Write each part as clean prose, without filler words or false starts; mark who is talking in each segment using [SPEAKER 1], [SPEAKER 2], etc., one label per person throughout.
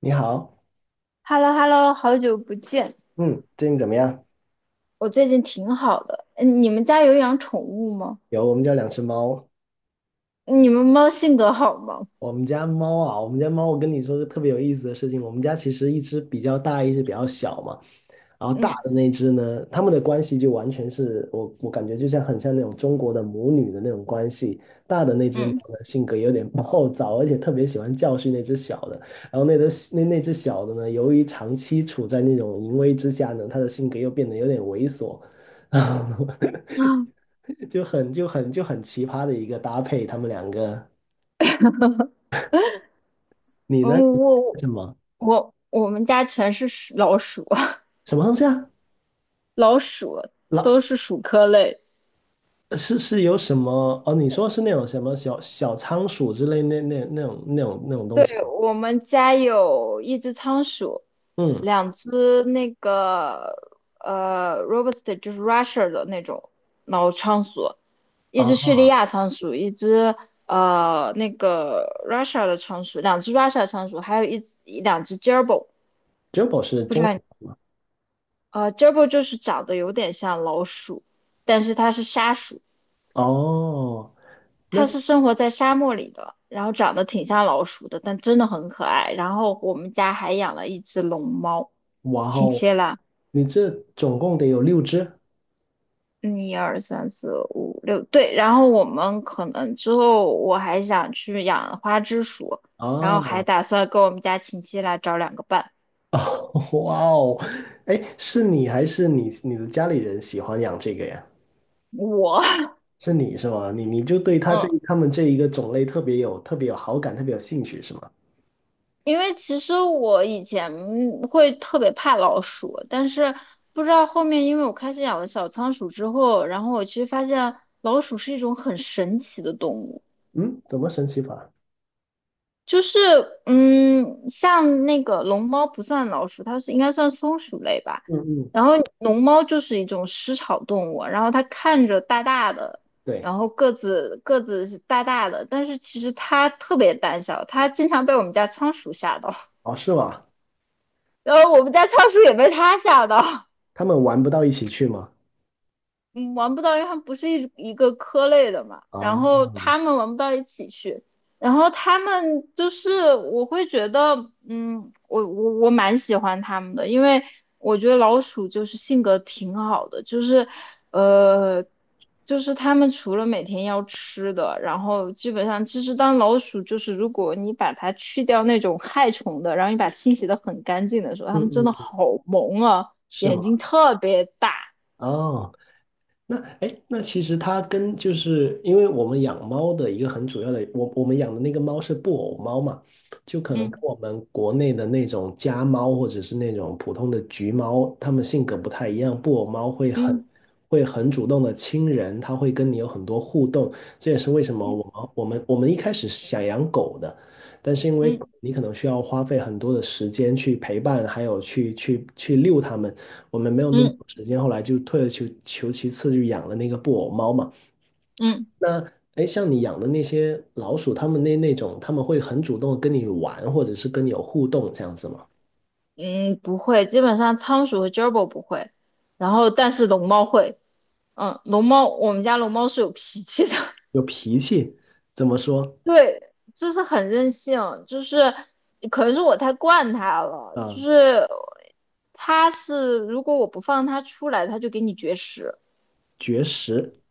[SPEAKER 1] 你好，
[SPEAKER 2] h e l l o hello 好久不见。
[SPEAKER 1] 嗯，最近怎么样？
[SPEAKER 2] 我最近挺好的。嗯，你们家有养宠物吗？
[SPEAKER 1] 有，我们家两只猫，
[SPEAKER 2] 你们猫性格好吗？
[SPEAKER 1] 我们家猫啊，我们家猫，我跟你说个特别有意思的事情，我们家其实一只比较大，一只比较小嘛，然后大
[SPEAKER 2] 嗯
[SPEAKER 1] 的那只呢，它们的关系就完全是我感觉就像很像那种中国的母女的那种关系，大的那只猫
[SPEAKER 2] 嗯
[SPEAKER 1] 呢性格有点暴躁，而且特别喜欢教训那只小的，然后那只小的呢，由于长期处在那种淫威之下呢，它的性格又变得有点猥琐。
[SPEAKER 2] 啊，
[SPEAKER 1] 就很奇葩的一个搭配，他们两个。你呢？
[SPEAKER 2] 嗯，
[SPEAKER 1] 你
[SPEAKER 2] 我我
[SPEAKER 1] 什么
[SPEAKER 2] 我们家全是老鼠，
[SPEAKER 1] 什么东西啊？
[SPEAKER 2] 老鼠都
[SPEAKER 1] 老
[SPEAKER 2] 是鼠科类。
[SPEAKER 1] 是是有什么？哦，你说是那种什么小小仓鼠之类那种东
[SPEAKER 2] 对，
[SPEAKER 1] 西吗？
[SPEAKER 2] 我们家有一只仓鼠，
[SPEAKER 1] 嗯
[SPEAKER 2] 两只那个Robust， 就是 Russia 的那种老仓鼠，一
[SPEAKER 1] 啊
[SPEAKER 2] 只叙利亚仓鼠，一只那个 Russia 的仓鼠，两只 Russia 仓鼠，还有两只 j e r b i l。
[SPEAKER 1] ，Jumbo 是
[SPEAKER 2] 不知
[SPEAKER 1] 中
[SPEAKER 2] 道你gerbil 就是长得有点像老鼠，但是它是沙鼠。
[SPEAKER 1] 哦，那
[SPEAKER 2] 它是生活在沙漠里的，然后长得挺像老鼠的，但真的很可爱。然后我们家还养了一只龙猫。
[SPEAKER 1] 哇
[SPEAKER 2] 亲
[SPEAKER 1] 哦，
[SPEAKER 2] 切啦。
[SPEAKER 1] 你这总共得有六只
[SPEAKER 2] 嗯，一二三四五六，对。然后我们可能之后我还想去养花枝鼠，然后还
[SPEAKER 1] 哦
[SPEAKER 2] 打算跟我们家亲戚来找两个伴。
[SPEAKER 1] 哦 哇哦，哎，是你还是你的家里人喜欢养这个呀？
[SPEAKER 2] 我，
[SPEAKER 1] 是你是吗？你你就对
[SPEAKER 2] 嗯。
[SPEAKER 1] 他们这一个种类特别有好感，特别有兴趣是吗？
[SPEAKER 2] 因为其实我以前会特别怕老鼠，但是不知道后面，因为我开始养了小仓鼠之后，然后我其实发现老鼠是一种很神奇的动物。
[SPEAKER 1] 嗯，怎么神奇法？
[SPEAKER 2] 就是嗯，像那个龙猫不算老鼠，它是应该算松鼠类吧。
[SPEAKER 1] 嗯嗯，
[SPEAKER 2] 然后龙猫就是一种食草动物，然后它看着大大的，
[SPEAKER 1] 对，
[SPEAKER 2] 然后个子是大大的，但是其实它特别胆小，它经常被我们家仓鼠吓到。
[SPEAKER 1] 哦是吗？
[SPEAKER 2] 然后我们家仓鼠也被他吓到。
[SPEAKER 1] 他们玩不到一起去吗？
[SPEAKER 2] 嗯，玩不到，因为他们不是一个科类的嘛，然
[SPEAKER 1] 啊，
[SPEAKER 2] 后他们玩不到一起去。然后他们就是我会觉得，嗯，我蛮喜欢他们的，因为我觉得老鼠就是性格挺好的。就是呃，就是他们除了每天要吃的，然后基本上其实当老鼠就是如果你把它去掉那种害虫的，然后你把它清洗的很干净的时候，它
[SPEAKER 1] 嗯
[SPEAKER 2] 们真的
[SPEAKER 1] 嗯，
[SPEAKER 2] 好萌啊。
[SPEAKER 1] 是
[SPEAKER 2] 眼
[SPEAKER 1] 吗？
[SPEAKER 2] 睛特别大。
[SPEAKER 1] 哦。那哎，诶那其实它跟就是因为我们养猫的一个很主要的，我们养的那个猫是布偶猫嘛，就可能跟
[SPEAKER 2] 嗯
[SPEAKER 1] 我们国内的那种家猫或者是那种普通的橘猫，它们性格不太一样。布偶猫会很
[SPEAKER 2] 嗯。
[SPEAKER 1] 会很主动的亲人，它会跟你有很多互动，这也是为什么
[SPEAKER 2] 嗯
[SPEAKER 1] 我们一开始是想养狗的，但是因为
[SPEAKER 2] 嗯
[SPEAKER 1] 你可能需要花费很多的时间去陪伴，还有去遛它们。我们没有那么多
[SPEAKER 2] 嗯
[SPEAKER 1] 时间，后来就退而求其次，就养了那个布偶猫嘛。
[SPEAKER 2] 嗯
[SPEAKER 1] 那哎，诶像你养的那些老鼠，它们那那种，它们会很主动地跟你玩，或者是跟你有互动这样子吗？
[SPEAKER 2] 嗯，不会，基本上仓鼠和 gerbil 不会，然后但是龙猫会。嗯，龙猫我们家龙猫是有脾气的。
[SPEAKER 1] 有脾气，怎么说？
[SPEAKER 2] 对，就是很任性。就是可能是我太惯它了。
[SPEAKER 1] 啊、
[SPEAKER 2] 就是它是如果我不放它出来，它就给你绝食。
[SPEAKER 1] 绝食。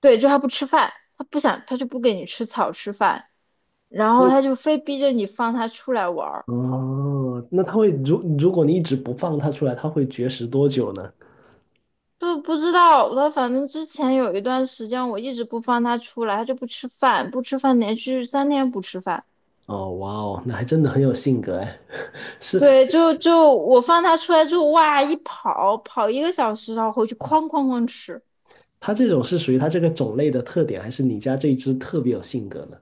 [SPEAKER 2] 对，就它不吃饭，它不想它就不给你吃草吃饭，然后
[SPEAKER 1] 会
[SPEAKER 2] 它就非逼着你放它出来玩儿。
[SPEAKER 1] 哦，那它会如果你一直不放它出来，它会绝食多久呢？
[SPEAKER 2] 就不知道他，反正之前有一段时间我一直不放他出来，他就不吃饭，不吃饭，连续3天不吃饭。
[SPEAKER 1] 哦，哇哦，那还真的很有性格哎。是
[SPEAKER 2] 对，就我放他出来之后，哇，一跑跑1个小时，然后回去哐哐哐吃。
[SPEAKER 1] 它这种是属于它这个种类的特点，还是你家这一只特别有性格呢？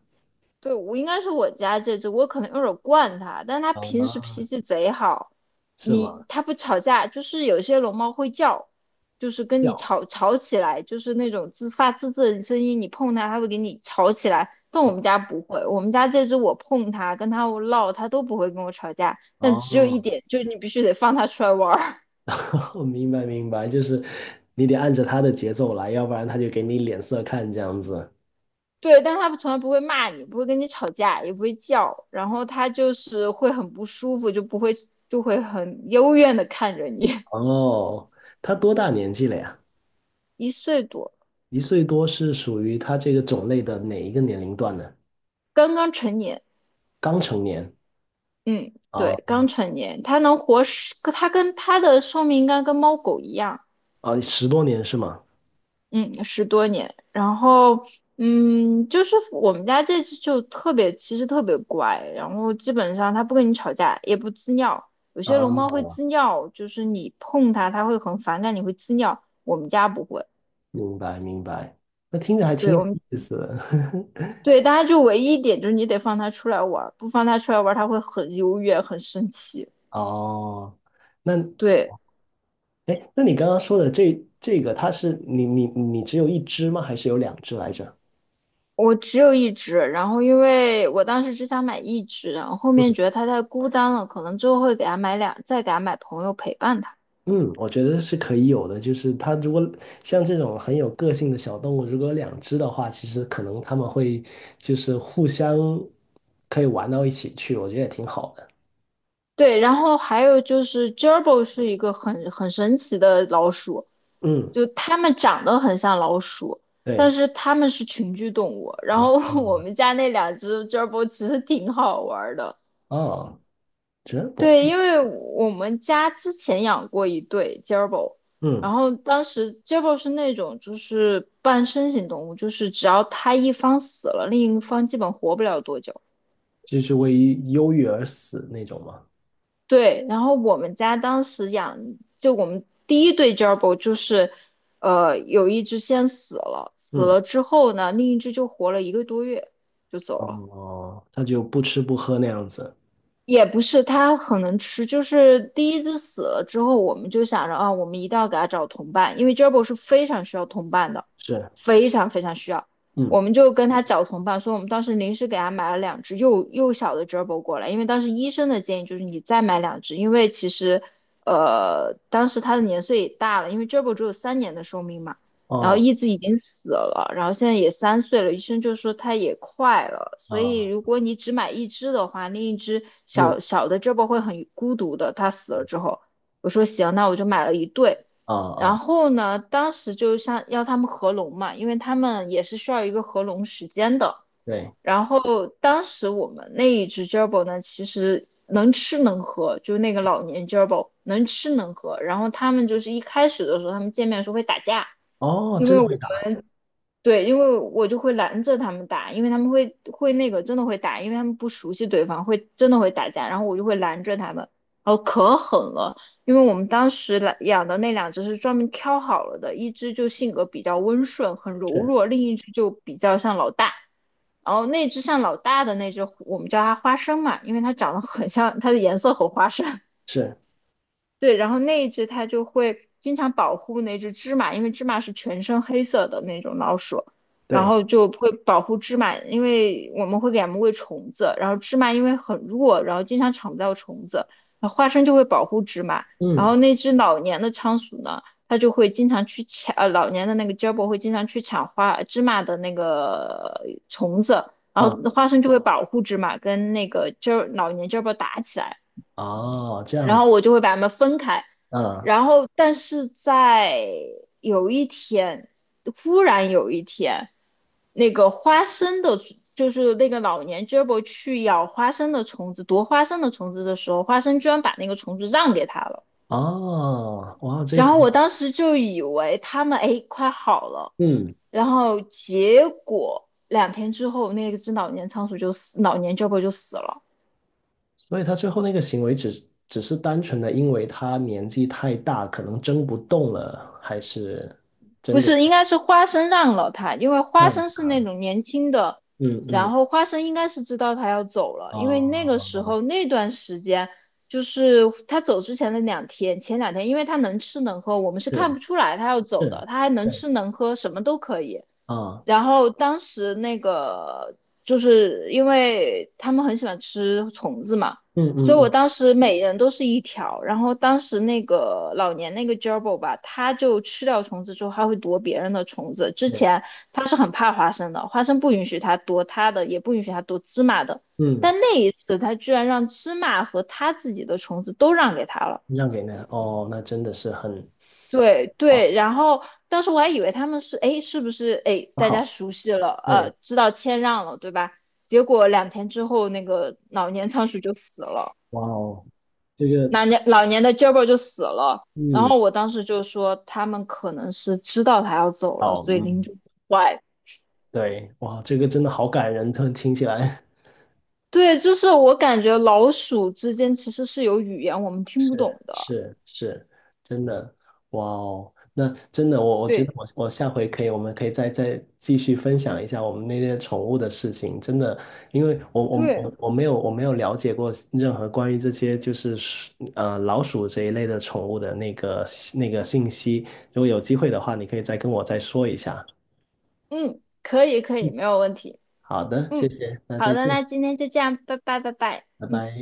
[SPEAKER 2] 对，我应该是我家这只，我可能有点儿惯它，但它平时
[SPEAKER 1] 啊，
[SPEAKER 2] 脾气贼好。
[SPEAKER 1] 是吗？
[SPEAKER 2] 你它不吵架，就是有些龙猫会叫，就是跟你
[SPEAKER 1] 叫。
[SPEAKER 2] 吵吵起来，就是那种自发自的声音。你碰它，它会给你吵起来。但我们家不会，我们家这只我碰它，跟它闹，它都不会跟我吵架。但只有一
[SPEAKER 1] 哦，
[SPEAKER 2] 点，就是你必须得放它出来玩儿。
[SPEAKER 1] 我明白明白，就是你得按着他的节奏来，要不然他就给你脸色看这样子。
[SPEAKER 2] 对，但他从来不会骂你，不会跟你吵架，也不会叫，然后他就是会很不舒服，就不会就会很幽怨的看着你。
[SPEAKER 1] 哦，他多大年纪了呀？
[SPEAKER 2] 1岁多。
[SPEAKER 1] 一岁多是属于他这个种类的哪一个年龄段呢？
[SPEAKER 2] 刚刚成年。
[SPEAKER 1] 刚成年
[SPEAKER 2] 嗯，
[SPEAKER 1] 啊
[SPEAKER 2] 对，刚成年。他能活十，他跟他的寿命应该跟猫狗一样。
[SPEAKER 1] 啊，十多年是吗？
[SPEAKER 2] 嗯，10多年。然后，嗯，就是我们家这只就特别，其实特别乖，然后基本上它不跟你吵架，也不滋尿，
[SPEAKER 1] 啊，
[SPEAKER 2] 会滋尿，就是你碰它，它会很反感，你会滋尿。我们家不会。
[SPEAKER 1] 明白明白，那听着还挺
[SPEAKER 2] 对我
[SPEAKER 1] 有
[SPEAKER 2] 们
[SPEAKER 1] 意思的。
[SPEAKER 2] 对，大家就唯一一点就是你得放它出来玩儿，不放它出来玩儿，它会很优越，很生气。
[SPEAKER 1] 哦，那
[SPEAKER 2] 对，
[SPEAKER 1] 哎，诶那你刚刚说的这个，它是你只有一只吗？还是有两只来着？
[SPEAKER 2] 我只有一只，然后因为我当时只想买一只，然后后面觉得它太孤单了，可能之后会给它买两，再给它买朋友陪伴它。
[SPEAKER 1] 嗯，我觉得是可以有的，就是它如果像这种很有个性的小动物，如果有两只的话，其实可能它们会就是互相可以玩到一起去，我觉得也挺好的。
[SPEAKER 2] 对，然后还有就是 Gerbil 是一个很神奇的老鼠。
[SPEAKER 1] 嗯，
[SPEAKER 2] 就它们长得很像老鼠，但
[SPEAKER 1] 对，
[SPEAKER 2] 是它们是群居动物。然
[SPEAKER 1] 啊，
[SPEAKER 2] 后 我们家那两只 gerbil 其实挺好玩儿的。
[SPEAKER 1] 哦，真不，
[SPEAKER 2] 对，因为我们家之前养过一对 g e r b i。
[SPEAKER 1] 嗯，
[SPEAKER 2] 然后当时 gerbil 是那种就是半身型动物，就是只要它一方死了，另一方基本活不了多久。
[SPEAKER 1] 就是为忧郁而死那种嘛。
[SPEAKER 2] 对，然后我们家当时养，就我们第一对 gerbil 就是，有一只先死了，死
[SPEAKER 1] 嗯，
[SPEAKER 2] 了之后呢，另一只就活了1个多月就走了。
[SPEAKER 1] 哦，它就不吃不喝那样子。
[SPEAKER 2] 也不是，它很能吃。就是第一只死了之后，我们就想着啊，我们一定要给它找同伴，因为 Gerbil 是非常需要同伴的，
[SPEAKER 1] 是，
[SPEAKER 2] 非常非常需要。
[SPEAKER 1] 嗯，
[SPEAKER 2] 我们就跟他找同伴，所以我们当时临时给他买了两只幼小的 Gerbil 过来，因为当时医生的建议就是你再买两只，因为其实，当时它的年岁也大了，因为 Gerbil 只有3年的寿命嘛。然后
[SPEAKER 1] 哦，
[SPEAKER 2] 一只已经死了，然后现在也3岁了，医生就说它也快了，所以
[SPEAKER 1] 啊，
[SPEAKER 2] 如果你只买一只的话，另一只
[SPEAKER 1] 又
[SPEAKER 2] 小小的 g e r b i 会很孤独的。它死了之后，我说行，那我就买了一对。
[SPEAKER 1] 啊
[SPEAKER 2] 然
[SPEAKER 1] 啊，
[SPEAKER 2] 后呢，当时就像要他们合笼嘛，因为他们也是需要一个合笼时间的。
[SPEAKER 1] 对，
[SPEAKER 2] 然后当时我们那一只 j e r b o 呢，其实能吃能喝，就是那个老年 j e r b o 能吃能喝，然后他们就是一开始的时候，他们见面的时候会打架。
[SPEAKER 1] 哦，
[SPEAKER 2] 因
[SPEAKER 1] 真
[SPEAKER 2] 为。
[SPEAKER 1] 的会打，
[SPEAKER 2] 对，因为我就会拦着他们打，因为他们会那个真的会打，因为他们不熟悉对方，会真的会打架，然后我就会拦着他们。然后可狠了。因为我们当时来养的那两只是专门挑好了的，一只就性格比较温顺，很柔
[SPEAKER 1] 是
[SPEAKER 2] 弱，另一只就比较像老大。然后那只像老大的那只，我们叫它花生嘛，因为它长得很像，它的颜色很花生。
[SPEAKER 1] 是，
[SPEAKER 2] 对，然后那一只它就会经常保护那只芝麻，因为芝麻是全身黑色的那种老鼠，然
[SPEAKER 1] 对，
[SPEAKER 2] 后就会保护芝麻，因为我们会给它们喂虫子，然后芝麻因为很弱，然后经常抢不到虫子，然后花生就会保护芝麻。然
[SPEAKER 1] 嗯。
[SPEAKER 2] 后那只老年的仓鼠呢，它就会经常去抢，老年的那个 j a b o 会经常去抢芝麻的那个虫子，然后
[SPEAKER 1] 啊。
[SPEAKER 2] 花生就会保护芝麻跟那个 老年 j a b o 打起来。
[SPEAKER 1] 哦，这样
[SPEAKER 2] 然
[SPEAKER 1] 子，
[SPEAKER 2] 后我就会把它们分开。
[SPEAKER 1] 嗯，
[SPEAKER 2] 然后，但是在有一天，忽然有一天，那个花生的，就是那个老年 g e r b i 去咬花生的虫子，夺花生的虫子的时候，花生居然把那个虫子让给他了。
[SPEAKER 1] 哦，哇，这个
[SPEAKER 2] 然后我
[SPEAKER 1] 很，
[SPEAKER 2] 当时就以为他们哎快好了。
[SPEAKER 1] 嗯，
[SPEAKER 2] 然后结果两天之后，那只老年仓鼠就死，老年 g e r b i 就死了。
[SPEAKER 1] 所以他最后那个行为只是单纯的因为他年纪太大，可能争不动了，还是真
[SPEAKER 2] 不
[SPEAKER 1] 的
[SPEAKER 2] 是，应该是花生让了他，因为
[SPEAKER 1] 这
[SPEAKER 2] 花
[SPEAKER 1] 样？
[SPEAKER 2] 生是那种年轻的。
[SPEAKER 1] 嗯
[SPEAKER 2] 然
[SPEAKER 1] 嗯，
[SPEAKER 2] 后花生应该是知道他要走了，因为那个时
[SPEAKER 1] 哦，
[SPEAKER 2] 候那段时间就是他走之前的两天，前2天，因为他能吃能喝，我们是看
[SPEAKER 1] 是
[SPEAKER 2] 不出来他要走的，
[SPEAKER 1] 是，
[SPEAKER 2] 他还能
[SPEAKER 1] 对，
[SPEAKER 2] 吃能喝，什么都可以。
[SPEAKER 1] 啊，
[SPEAKER 2] 然后当时那个就是因为他们很喜欢吃虫子嘛，
[SPEAKER 1] 嗯
[SPEAKER 2] 所
[SPEAKER 1] 嗯
[SPEAKER 2] 以我
[SPEAKER 1] 嗯，
[SPEAKER 2] 当时每人都是一条。然后当时那个老年那个 gerbil 吧，他就吃掉虫子之后，还会夺别人的虫子。之
[SPEAKER 1] 对，
[SPEAKER 2] 前他是很怕花生的，花生不允许他夺他的，也不允许他夺芝麻的。
[SPEAKER 1] 嗯，
[SPEAKER 2] 但那一次，他居然让芝麻和他自己的虫子都让给他了。
[SPEAKER 1] 让给那，哦，那真的是很
[SPEAKER 2] 对
[SPEAKER 1] 好，
[SPEAKER 2] 对，然后当时我还以为他们是，哎，是不是，哎，大家
[SPEAKER 1] 好，
[SPEAKER 2] 熟悉了，
[SPEAKER 1] 对，
[SPEAKER 2] 知道谦让了，对吧？结果两天之后，那个老年仓鼠就死了，
[SPEAKER 1] 哇哦，这个，
[SPEAKER 2] 老年的 g e b 就死了。然
[SPEAKER 1] 嗯，
[SPEAKER 2] 后我当时就说，他们可能是知道他要走了，
[SPEAKER 1] 好，
[SPEAKER 2] 所以领
[SPEAKER 1] 嗯，
[SPEAKER 2] 主坏。
[SPEAKER 1] 对，哇，这个真的好感人，突然听起来。
[SPEAKER 2] 对，就是我感觉老鼠之间其实是有语言我们听不懂的。
[SPEAKER 1] 是是，真的，哇哦，那真的，我觉得
[SPEAKER 2] 对
[SPEAKER 1] 我下回可以，我们可以再继续分享一下我们那些宠物的事情，真的，因为我我
[SPEAKER 2] 对，
[SPEAKER 1] 我我没有我没有了解过任何关于这些就是老鼠这一类的宠物的那个信息，如果有机会的话，你可以再跟我再说一下。
[SPEAKER 2] 嗯，可以可以，
[SPEAKER 1] 嗯，
[SPEAKER 2] 没有问题。
[SPEAKER 1] 好的，谢
[SPEAKER 2] 嗯，
[SPEAKER 1] 谢，那
[SPEAKER 2] 好
[SPEAKER 1] 再
[SPEAKER 2] 的，
[SPEAKER 1] 见，
[SPEAKER 2] 那今天就这样，拜拜拜拜。
[SPEAKER 1] 拜
[SPEAKER 2] 嗯。
[SPEAKER 1] 拜。